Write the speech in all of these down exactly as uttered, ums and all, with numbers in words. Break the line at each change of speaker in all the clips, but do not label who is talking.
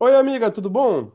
Oi, amiga, tudo bom?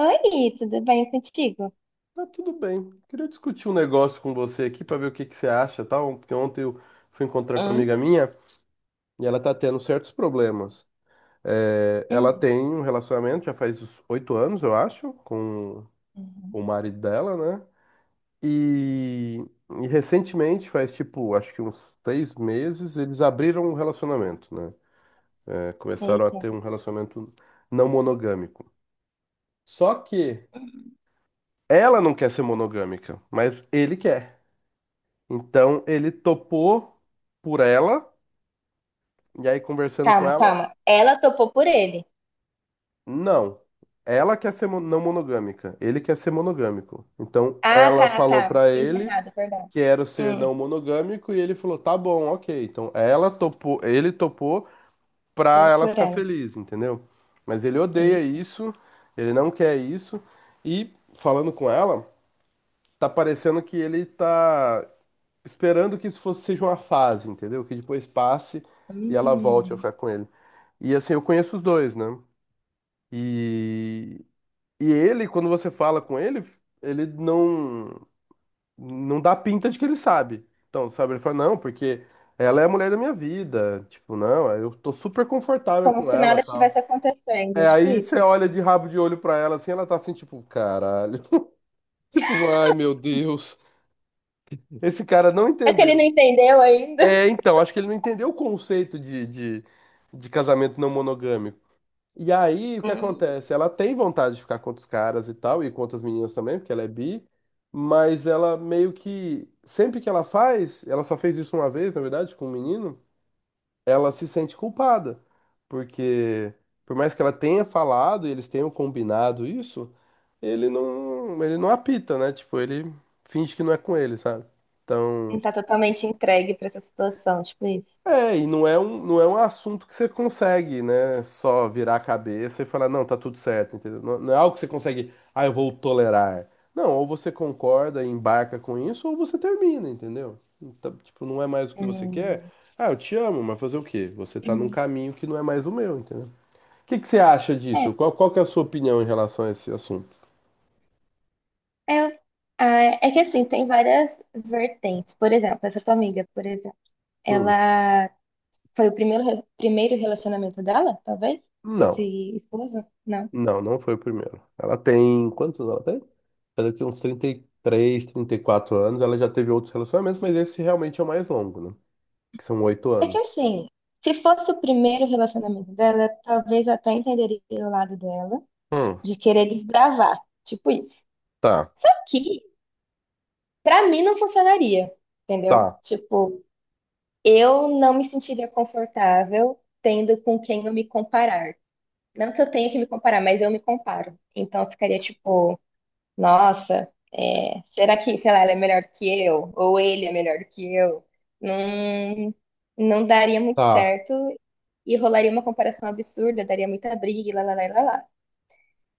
Oi, tudo bem contigo?
Tá tudo bem. Queria discutir um negócio com você aqui pra ver o que que você acha, tal, porque ontem eu fui encontrar com uma amiga
Hum,
minha e ela tá tendo certos problemas. É, ela
hum,
tem um relacionamento já faz uns oito anos, eu acho, com
hum,
o marido dela, né? E, e recentemente, faz tipo, acho que uns seis meses, eles abriram um relacionamento, né? É, começaram a
Eita.
ter um relacionamento não monogâmico. Só que
Hum.
ela não quer ser monogâmica, mas ele quer. Então ele topou por ela, e aí conversando com
Calma,
ela,
calma. Ela topou por ele.
não. Ela quer ser mo- não monogâmica, ele quer ser monogâmico. Então
Ah,
ela
tá,
falou
tá.
pra
Fiz
ele
errado, perdão.
que era o ser
Hum,
não monogâmico e ele falou: "Tá bom, OK". Então ela topou, ele topou
foi
pra ela
por
ficar
ela.
feliz, entendeu? Mas ele odeia
Eita.
isso, ele não quer isso e falando com ela, tá parecendo que ele tá esperando que isso fosse, seja uma fase, entendeu? Que depois passe e ela volte a
Hum,
ficar com ele. E assim, eu conheço os dois, né? E, e ele, quando você fala com ele, ele não, não dá pinta de que ele sabe. Então, sabe, ele fala, não, porque ela é a mulher da minha vida. Tipo, não, eu tô super confortável
como
com
se
ela,
nada estivesse
tal.
acontecendo,
É,
tipo
aí você
isso.
olha de rabo de olho pra ela, assim, ela tá assim, tipo, caralho. Tipo, ai, meu Deus. Esse cara não
É que ele não
entendeu.
entendeu ainda.
É, então, acho que ele não entendeu o conceito de, de, de casamento não monogâmico. E aí, o que
Hum,
acontece? Ela tem vontade de ficar com outros caras e tal, e com outras meninas também, porque ela é bi, mas ela meio que, sempre que ela faz, ela só fez isso uma vez, na verdade, com um menino, ela se sente culpada, porque por mais que ela tenha falado e eles tenham combinado isso, ele não, ele não apita, né? Tipo, ele finge que não é com ele, sabe? Então.
não tá totalmente entregue pra essa situação, tipo isso.
É, e não é um, não é um assunto que você consegue, né? Só virar a cabeça e falar, não, tá tudo certo, entendeu? Não, não é algo que você consegue, ah, eu vou tolerar. Não, ou você concorda e embarca com isso, ou você termina, entendeu? Então, tipo, não é mais o que você quer.
Hum.
Ah, eu te amo, mas fazer o quê? Você tá num
Hum.
caminho que não é mais o meu, entendeu? O que que você acha
É,
disso? Qual, qual que é a sua opinião em relação a esse assunto?
é, ah, é que assim, tem várias vertentes. Por exemplo, essa tua amiga, por exemplo,
Hum,
ela foi o primeiro, re- primeiro relacionamento dela, talvez? Esse
não.
esposo? Não.
Não, não foi o primeiro. Ela tem. Quantos anos ela tem? Ela tem uns trinta trinta e três, trinta e quatro anos. Ela já teve outros relacionamentos, mas esse realmente é o mais longo, né? Que são oito
É que
anos.
assim, se fosse o primeiro relacionamento dela, talvez eu até entenderia o lado dela
Hum,
de querer desbravar, tipo isso.
tá,
Só que, pra mim, não funcionaria, entendeu?
tá,
Tipo, eu não me sentiria confortável tendo com quem eu me comparar. Não que eu tenha que me comparar, mas eu me comparo. Então, eu ficaria tipo. Nossa, é, será que, sei lá, ela é melhor que eu? Ou ele é melhor que eu? Não, não daria muito
tá.
certo e rolaria uma comparação absurda, daria muita briga, e lá, lá, lá, lá, lá.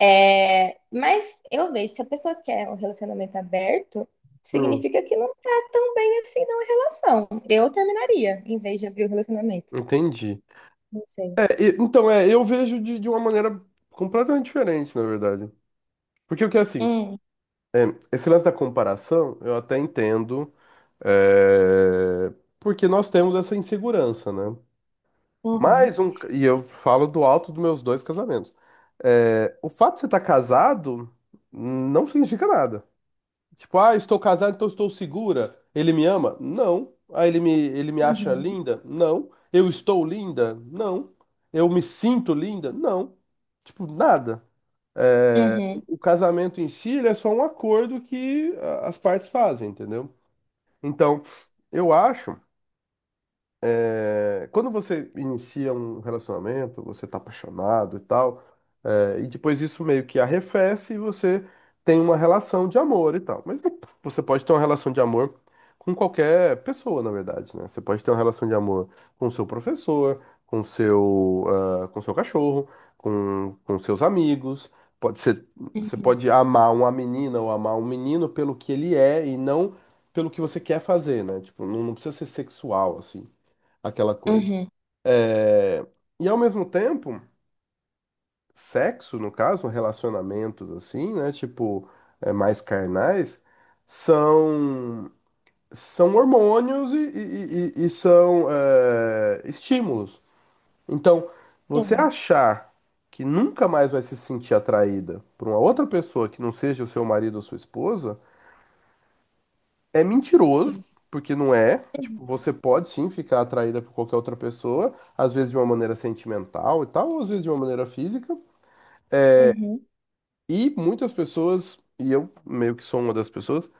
É, mas eu vejo, se a pessoa quer um relacionamento aberto,
Hum,
significa que não tá tão bem assim na relação. Eu terminaria, em vez de abrir o relacionamento.
entendi.
Não sei.
É, e- então, é, eu vejo de, de uma maneira completamente diferente, na verdade. Porque o que é assim,
Hum,
esse lance da comparação, eu até entendo, é, porque nós temos essa insegurança, né?
uhum,
Mais um. E eu falo do alto dos meus dois casamentos. É, o fato de você estar casado não significa nada. Tipo, ah, estou casado, então estou segura. Ele me ama? Não. Ah, ele me, ele me acha
uhum,
linda? Não. Eu estou linda? Não. Eu me sinto linda? Não. Tipo, nada. É, o
uhum,
o casamento em si, ele é só um acordo que ah, as partes fazem, entendeu? Então, eu acho. É, quando você inicia um relacionamento, você tá apaixonado e tal, é, e depois isso meio que arrefece e você tem uma relação de amor e tal. Mas você pode ter uma relação de amor com qualquer pessoa, na verdade, né? Você pode ter uma relação de amor com o seu professor, com o seu, ah, com o seu cachorro, com, com seus amigos. Pode ser, você
uhum,
pode amar uma menina ou amar um menino pelo que ele é e não pelo que você quer fazer, né? Tipo, não, não precisa ser sexual, assim aquela coisa.
uhum,
É, E ao mesmo tempo, sexo, no caso, relacionamentos assim, né? Tipo, é, mais carnais, são, são hormônios e, e- e- e são é, estímulos. Então, você
uhum,
achar que nunca mais vai se sentir atraída por uma outra pessoa que não seja o seu marido ou sua esposa. É mentiroso,
uhum,
porque não é. Tipo,
uhum,
você pode sim ficar atraída por qualquer outra pessoa, às vezes de uma maneira sentimental e tal, ou às vezes de uma maneira física.
uhum.
E muitas pessoas, e eu meio que sou uma das pessoas,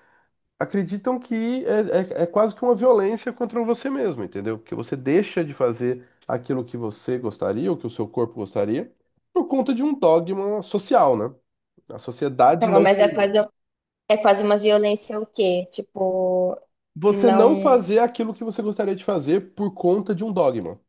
acreditam que é, é, é quase que uma violência contra você mesmo, entendeu? Que você deixa de fazer aquilo que você gostaria, ou que o seu corpo gostaria, por conta de um dogma social, né? A sociedade
Calma,
não
mas é
permite.
quase, é quase uma violência o quê? Tipo,
Você não
não.
fazer aquilo que você gostaria de fazer por conta de um dogma,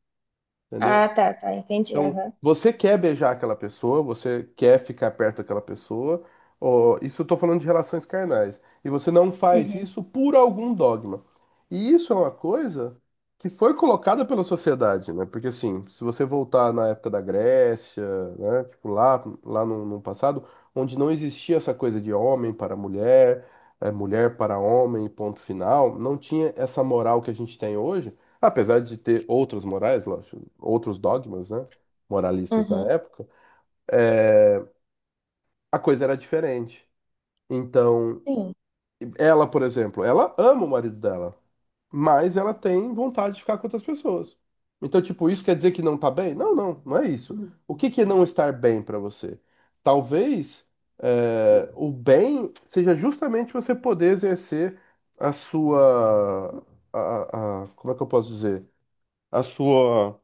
Ah,
entendeu?
tá, tá, entendi.
Então,
Aham.
você quer beijar aquela pessoa, você quer ficar perto daquela pessoa, ó, isso eu tô falando de relações carnais, e você não faz
Uhum.
isso por algum dogma. E isso é uma coisa que foi colocada pela sociedade, né? Porque assim, se você voltar na época da Grécia, né, tipo lá, lá no, no passado, onde não existia essa coisa de homem para mulher, eh, mulher para homem, ponto final, não tinha essa moral que a gente tem hoje. Apesar de ter outras morais, lógico, outros dogmas, né, moralistas na
Uhum.
época, a coisa era diferente. Então,
Sim,
ela, por exemplo, ela ama o marido dela, mas ela tem vontade de ficar com outras pessoas. Então, tipo, isso quer dizer que não tá bem? Não, não, não é isso. O que que é não estar bem pra você? Talvez é, o bem seja justamente você poder exercer a sua, a, a- a- como é que eu posso dizer? A sua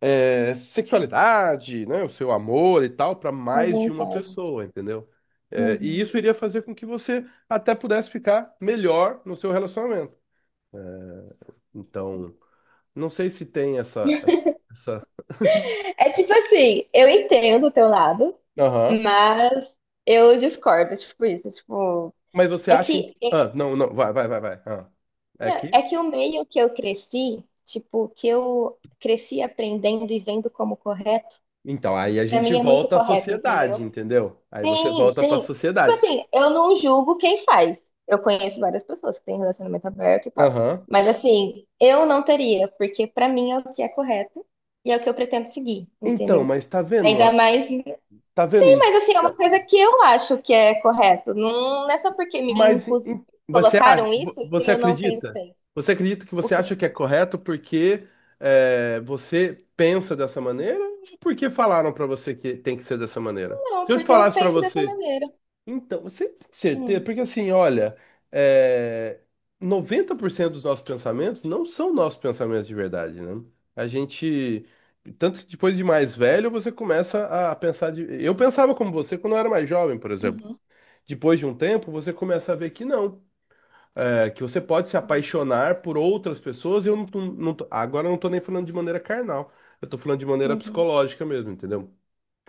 é, sexualidade, né, o seu amor e tal, para
as
mais de uma
vontades.
pessoa, entendeu? É, e
Uhum.
isso iria fazer com que você até pudesse ficar melhor no seu relacionamento. Então, não sei se tem essa, essa, essa-
É tipo assim, eu entendo o teu lado,
Aham.
mas eu discordo, tipo isso, tipo,
Mas você
é
acha, in-
que é
ah, não, não, vai, vai, vai, vai. Ah, é aqui?
é que o meio que eu cresci, tipo, que eu cresci aprendendo e vendo como correto,
Então, aí a
pra
gente
mim é muito
volta à
correto, entendeu?
sociedade, entendeu? Aí você
Sim,
volta para a
sim. Tipo
sociedade.
assim, eu não julgo quem faz. Eu conheço várias pessoas que têm relacionamento aberto e tal.
Aham.
Mas assim, eu não teria, porque pra mim é o que é correto e é o que eu pretendo seguir,
Então,
entendeu?
mas tá vendo,
Ainda
a-
mais. Sim,
tá vendo isso?
mas assim, é uma coisa que eu acho que é correto. Não, não é só porque me
Mas em-
impus...
em- você acha,
colocaram isso
vo-
que
você
eu não
acredita?
pensei.
Você acredita que
O
você
quê?
acha que é correto porque é, você pensa dessa maneira ou porque falaram pra você que tem que ser dessa maneira? Se
Não,
eu te
porque eu
falasse pra
penso dessa
você,
maneira.
então, você tem certeza?
Hum,
Porque assim, olha, é, noventa por cento dos nossos pensamentos não são nossos pensamentos de verdade, né? A gente, tanto que depois de mais velho, você começa a pensar de. Eu pensava como você quando eu era mais jovem, por exemplo
uhum,
depois de um tempo, você começa a ver que não, é que você pode se apaixonar por outras pessoas. E eu não, tô- não tô- agora eu não tô nem falando de maneira carnal, eu tô falando de maneira
uhum,
psicológica mesmo, entendeu?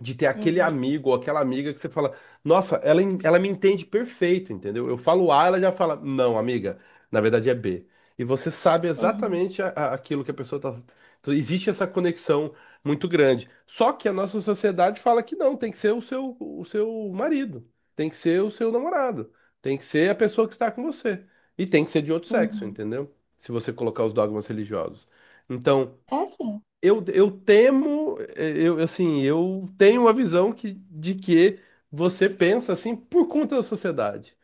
De ter aquele
uhum,
amigo ou aquela amiga que você fala, nossa, ela, en- ela me entende perfeito, entendeu? Eu falo A, ela já fala, não, amiga, na verdade é B. E você sabe
uhum,
exatamente a- a- aquilo que a pessoa tá. Então, existe essa conexão muito grande. Só que a nossa sociedade fala que não, tem que ser o seu, o seu marido, tem que ser o seu namorado, tem que ser a pessoa que está com você. E tem que ser de outro sexo,
uhum.
entendeu? Se você colocar os dogmas religiosos. Então,
É
eu, eu temo, eh, eu assim, eu tenho a visão que, de que você pensa assim por conta da sociedade.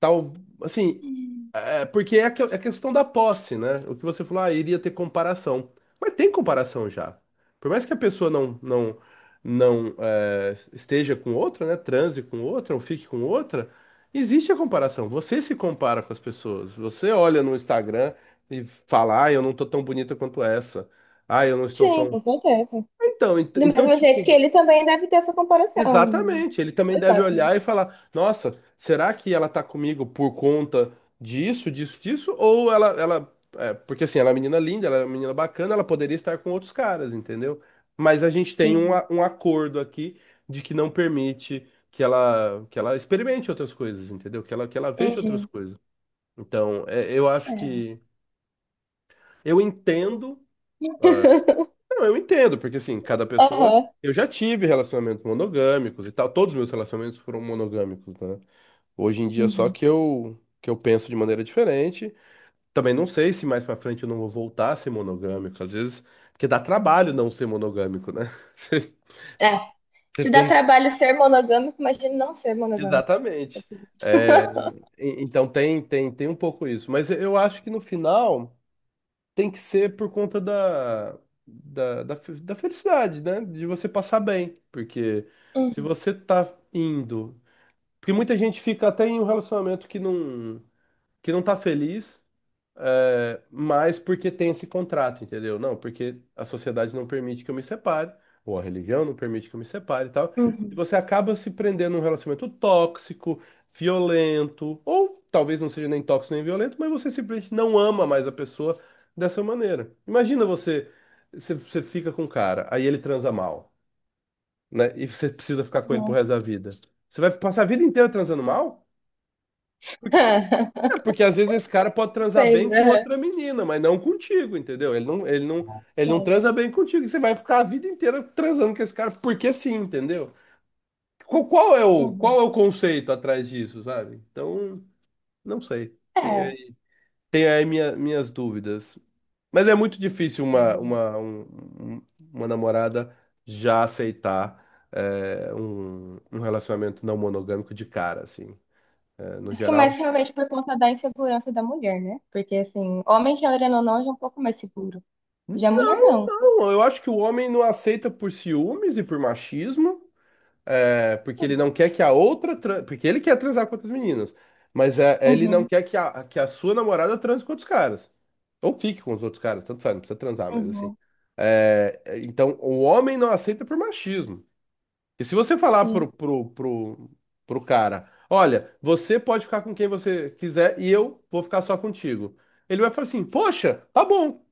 Tal, assim,
assim.
é, porque é a que- é a questão da posse, né? O que você falou, ah, iria ter comparação. Mas tem comparação já. Por mais que a pessoa não não não eh, esteja com outra, né? Transe com outra ou fique com outra, existe a comparação. Você se compara com as pessoas. Você olha no Instagram e fala, ah, eu não tô tão bonita quanto essa. Ah, eu não estou
Sim,
tão.
com certeza.
Então, ent-
Do
então,
mesmo jeito que
tipo,
ele também deve ter essa comparação.
exatamente. Ele também
Dois
deve
lados, né?
olhar e falar: Nossa, será que ela tá comigo por conta disso, disso, disso? Ou ela, ela, é, porque assim, ela é uma menina linda, ela é uma menina bacana, ela poderia estar com outros caras, entendeu? Mas a gente tem um,
Uhum.
a- um acordo aqui de que não permite que ela, que ela experimente outras coisas, entendeu? Que ela, que ela veja outras
Uhum.
coisas. Então, é, eu acho
É.
que eu entendo. ah, Não, eu entendo, porque assim, cada pessoa.
Aham.
Eu já tive relacionamentos monogâmicos e tal. Todos os meus relacionamentos foram monogâmicos, né? Hoje em dia, só
Uhum.
que eu, que eu penso de maneira diferente. Também não sei se mais pra frente eu não vou voltar a ser monogâmico. Às vezes, porque dá trabalho não ser monogâmico, né? Você
É.
você
Se dá
tem. que-
trabalho ser monogâmico, imagina não ser monogâmico.
Exatamente. E- Então tem, tem, tem um pouco isso. Mas eu acho que no final, tem que ser por conta da, da, da, fe- da felicidade, né? De você passar bem. Porque se
Uhum.
você tá indo. Porque muita gente fica até em um relacionamento que não, que não tá feliz é, mas porque tem esse contrato, entendeu? Não, porque a sociedade não permite que eu me separe, ou a religião não permite que eu me separe e tal. E
Uhum.
você acaba se prendendo num relacionamento tóxico, violento, ou talvez não seja nem tóxico nem violento, mas você simplesmente não ama mais a pessoa dessa maneira. Imagina você, você, você fica com um cara, aí ele transa mal, né? E você precisa ficar com ele pro
Uhum.
resto da vida. Você vai passar a vida inteira transando mal? É, porque às vezes esse cara pode transar
Sei,
bem com
né?
outra menina, mas não contigo, entendeu? Ele não, ele não, ele não
Sei.
transa bem contigo. E você vai ficar a vida inteira transando com esse cara, porque sim, entendeu? Qual, qual é o,
Uhum.
qual é o conceito atrás disso, sabe? Então, não sei. Tem
É.
aí, tem aí minha- minhas dúvidas. Mas é muito difícil uma,
Uhum.
uma, um- um- uma namorada já aceitar é, um, um relacionamento não monogâmico de cara, assim. É, no
Acho que é
geral.
mais realmente por conta da insegurança da mulher, né? Porque, assim, homem, querendo ou não, já é um pouco mais seguro. Já mulher, não.
Não, eu acho que o homem não aceita por ciúmes e por machismo, é, porque ele não
Uhum.
quer que a outra, tran- porque ele quer transar com outras meninas, mas é, é, ele não
Uhum.
quer que a, que a sua namorada transe com outros caras. Ou fique com os outros caras, tanto faz, não precisa transar, mas assim.
Uhum.
É, é, então, o homem não aceita por machismo. E se você falar
Sim.
pro, pro, pro, pro cara, olha, você pode ficar com quem você quiser e eu vou ficar só contigo. Ele vai falar assim, poxa, tá bom.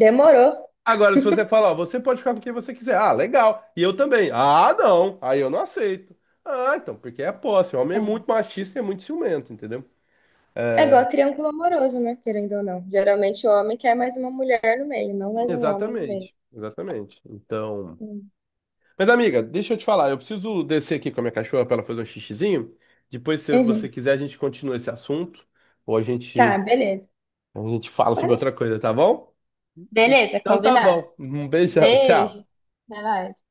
Demorou.
Agora, se você falar, ó, você pode ficar com quem você quiser. Ah, legal. E eu também. Ah, não. Aí eu não aceito. Ah, então, porque é a posse. O homem é muito
É.
machista e é muito ciumento, entendeu?
É igual triângulo amoroso, né? Querendo ou não. Geralmente o homem quer mais uma mulher no meio, não mais um homem no meio.
Exatamente. Exatamente. Então.
Hum.
Mas, amiga, deixa eu te falar. Eu preciso descer aqui com a minha cachorra pra ela fazer um xixizinho. Depois, se você
Uhum.
quiser, a gente continua esse assunto. Ou a
Tá,
gente,
beleza.
a gente fala
Pode...
sobre
deixar.
outra coisa, tá bom?
Beleza,
Então tá
combinado.
bom. Um beijão. Tchau.
Beijo. Até mais.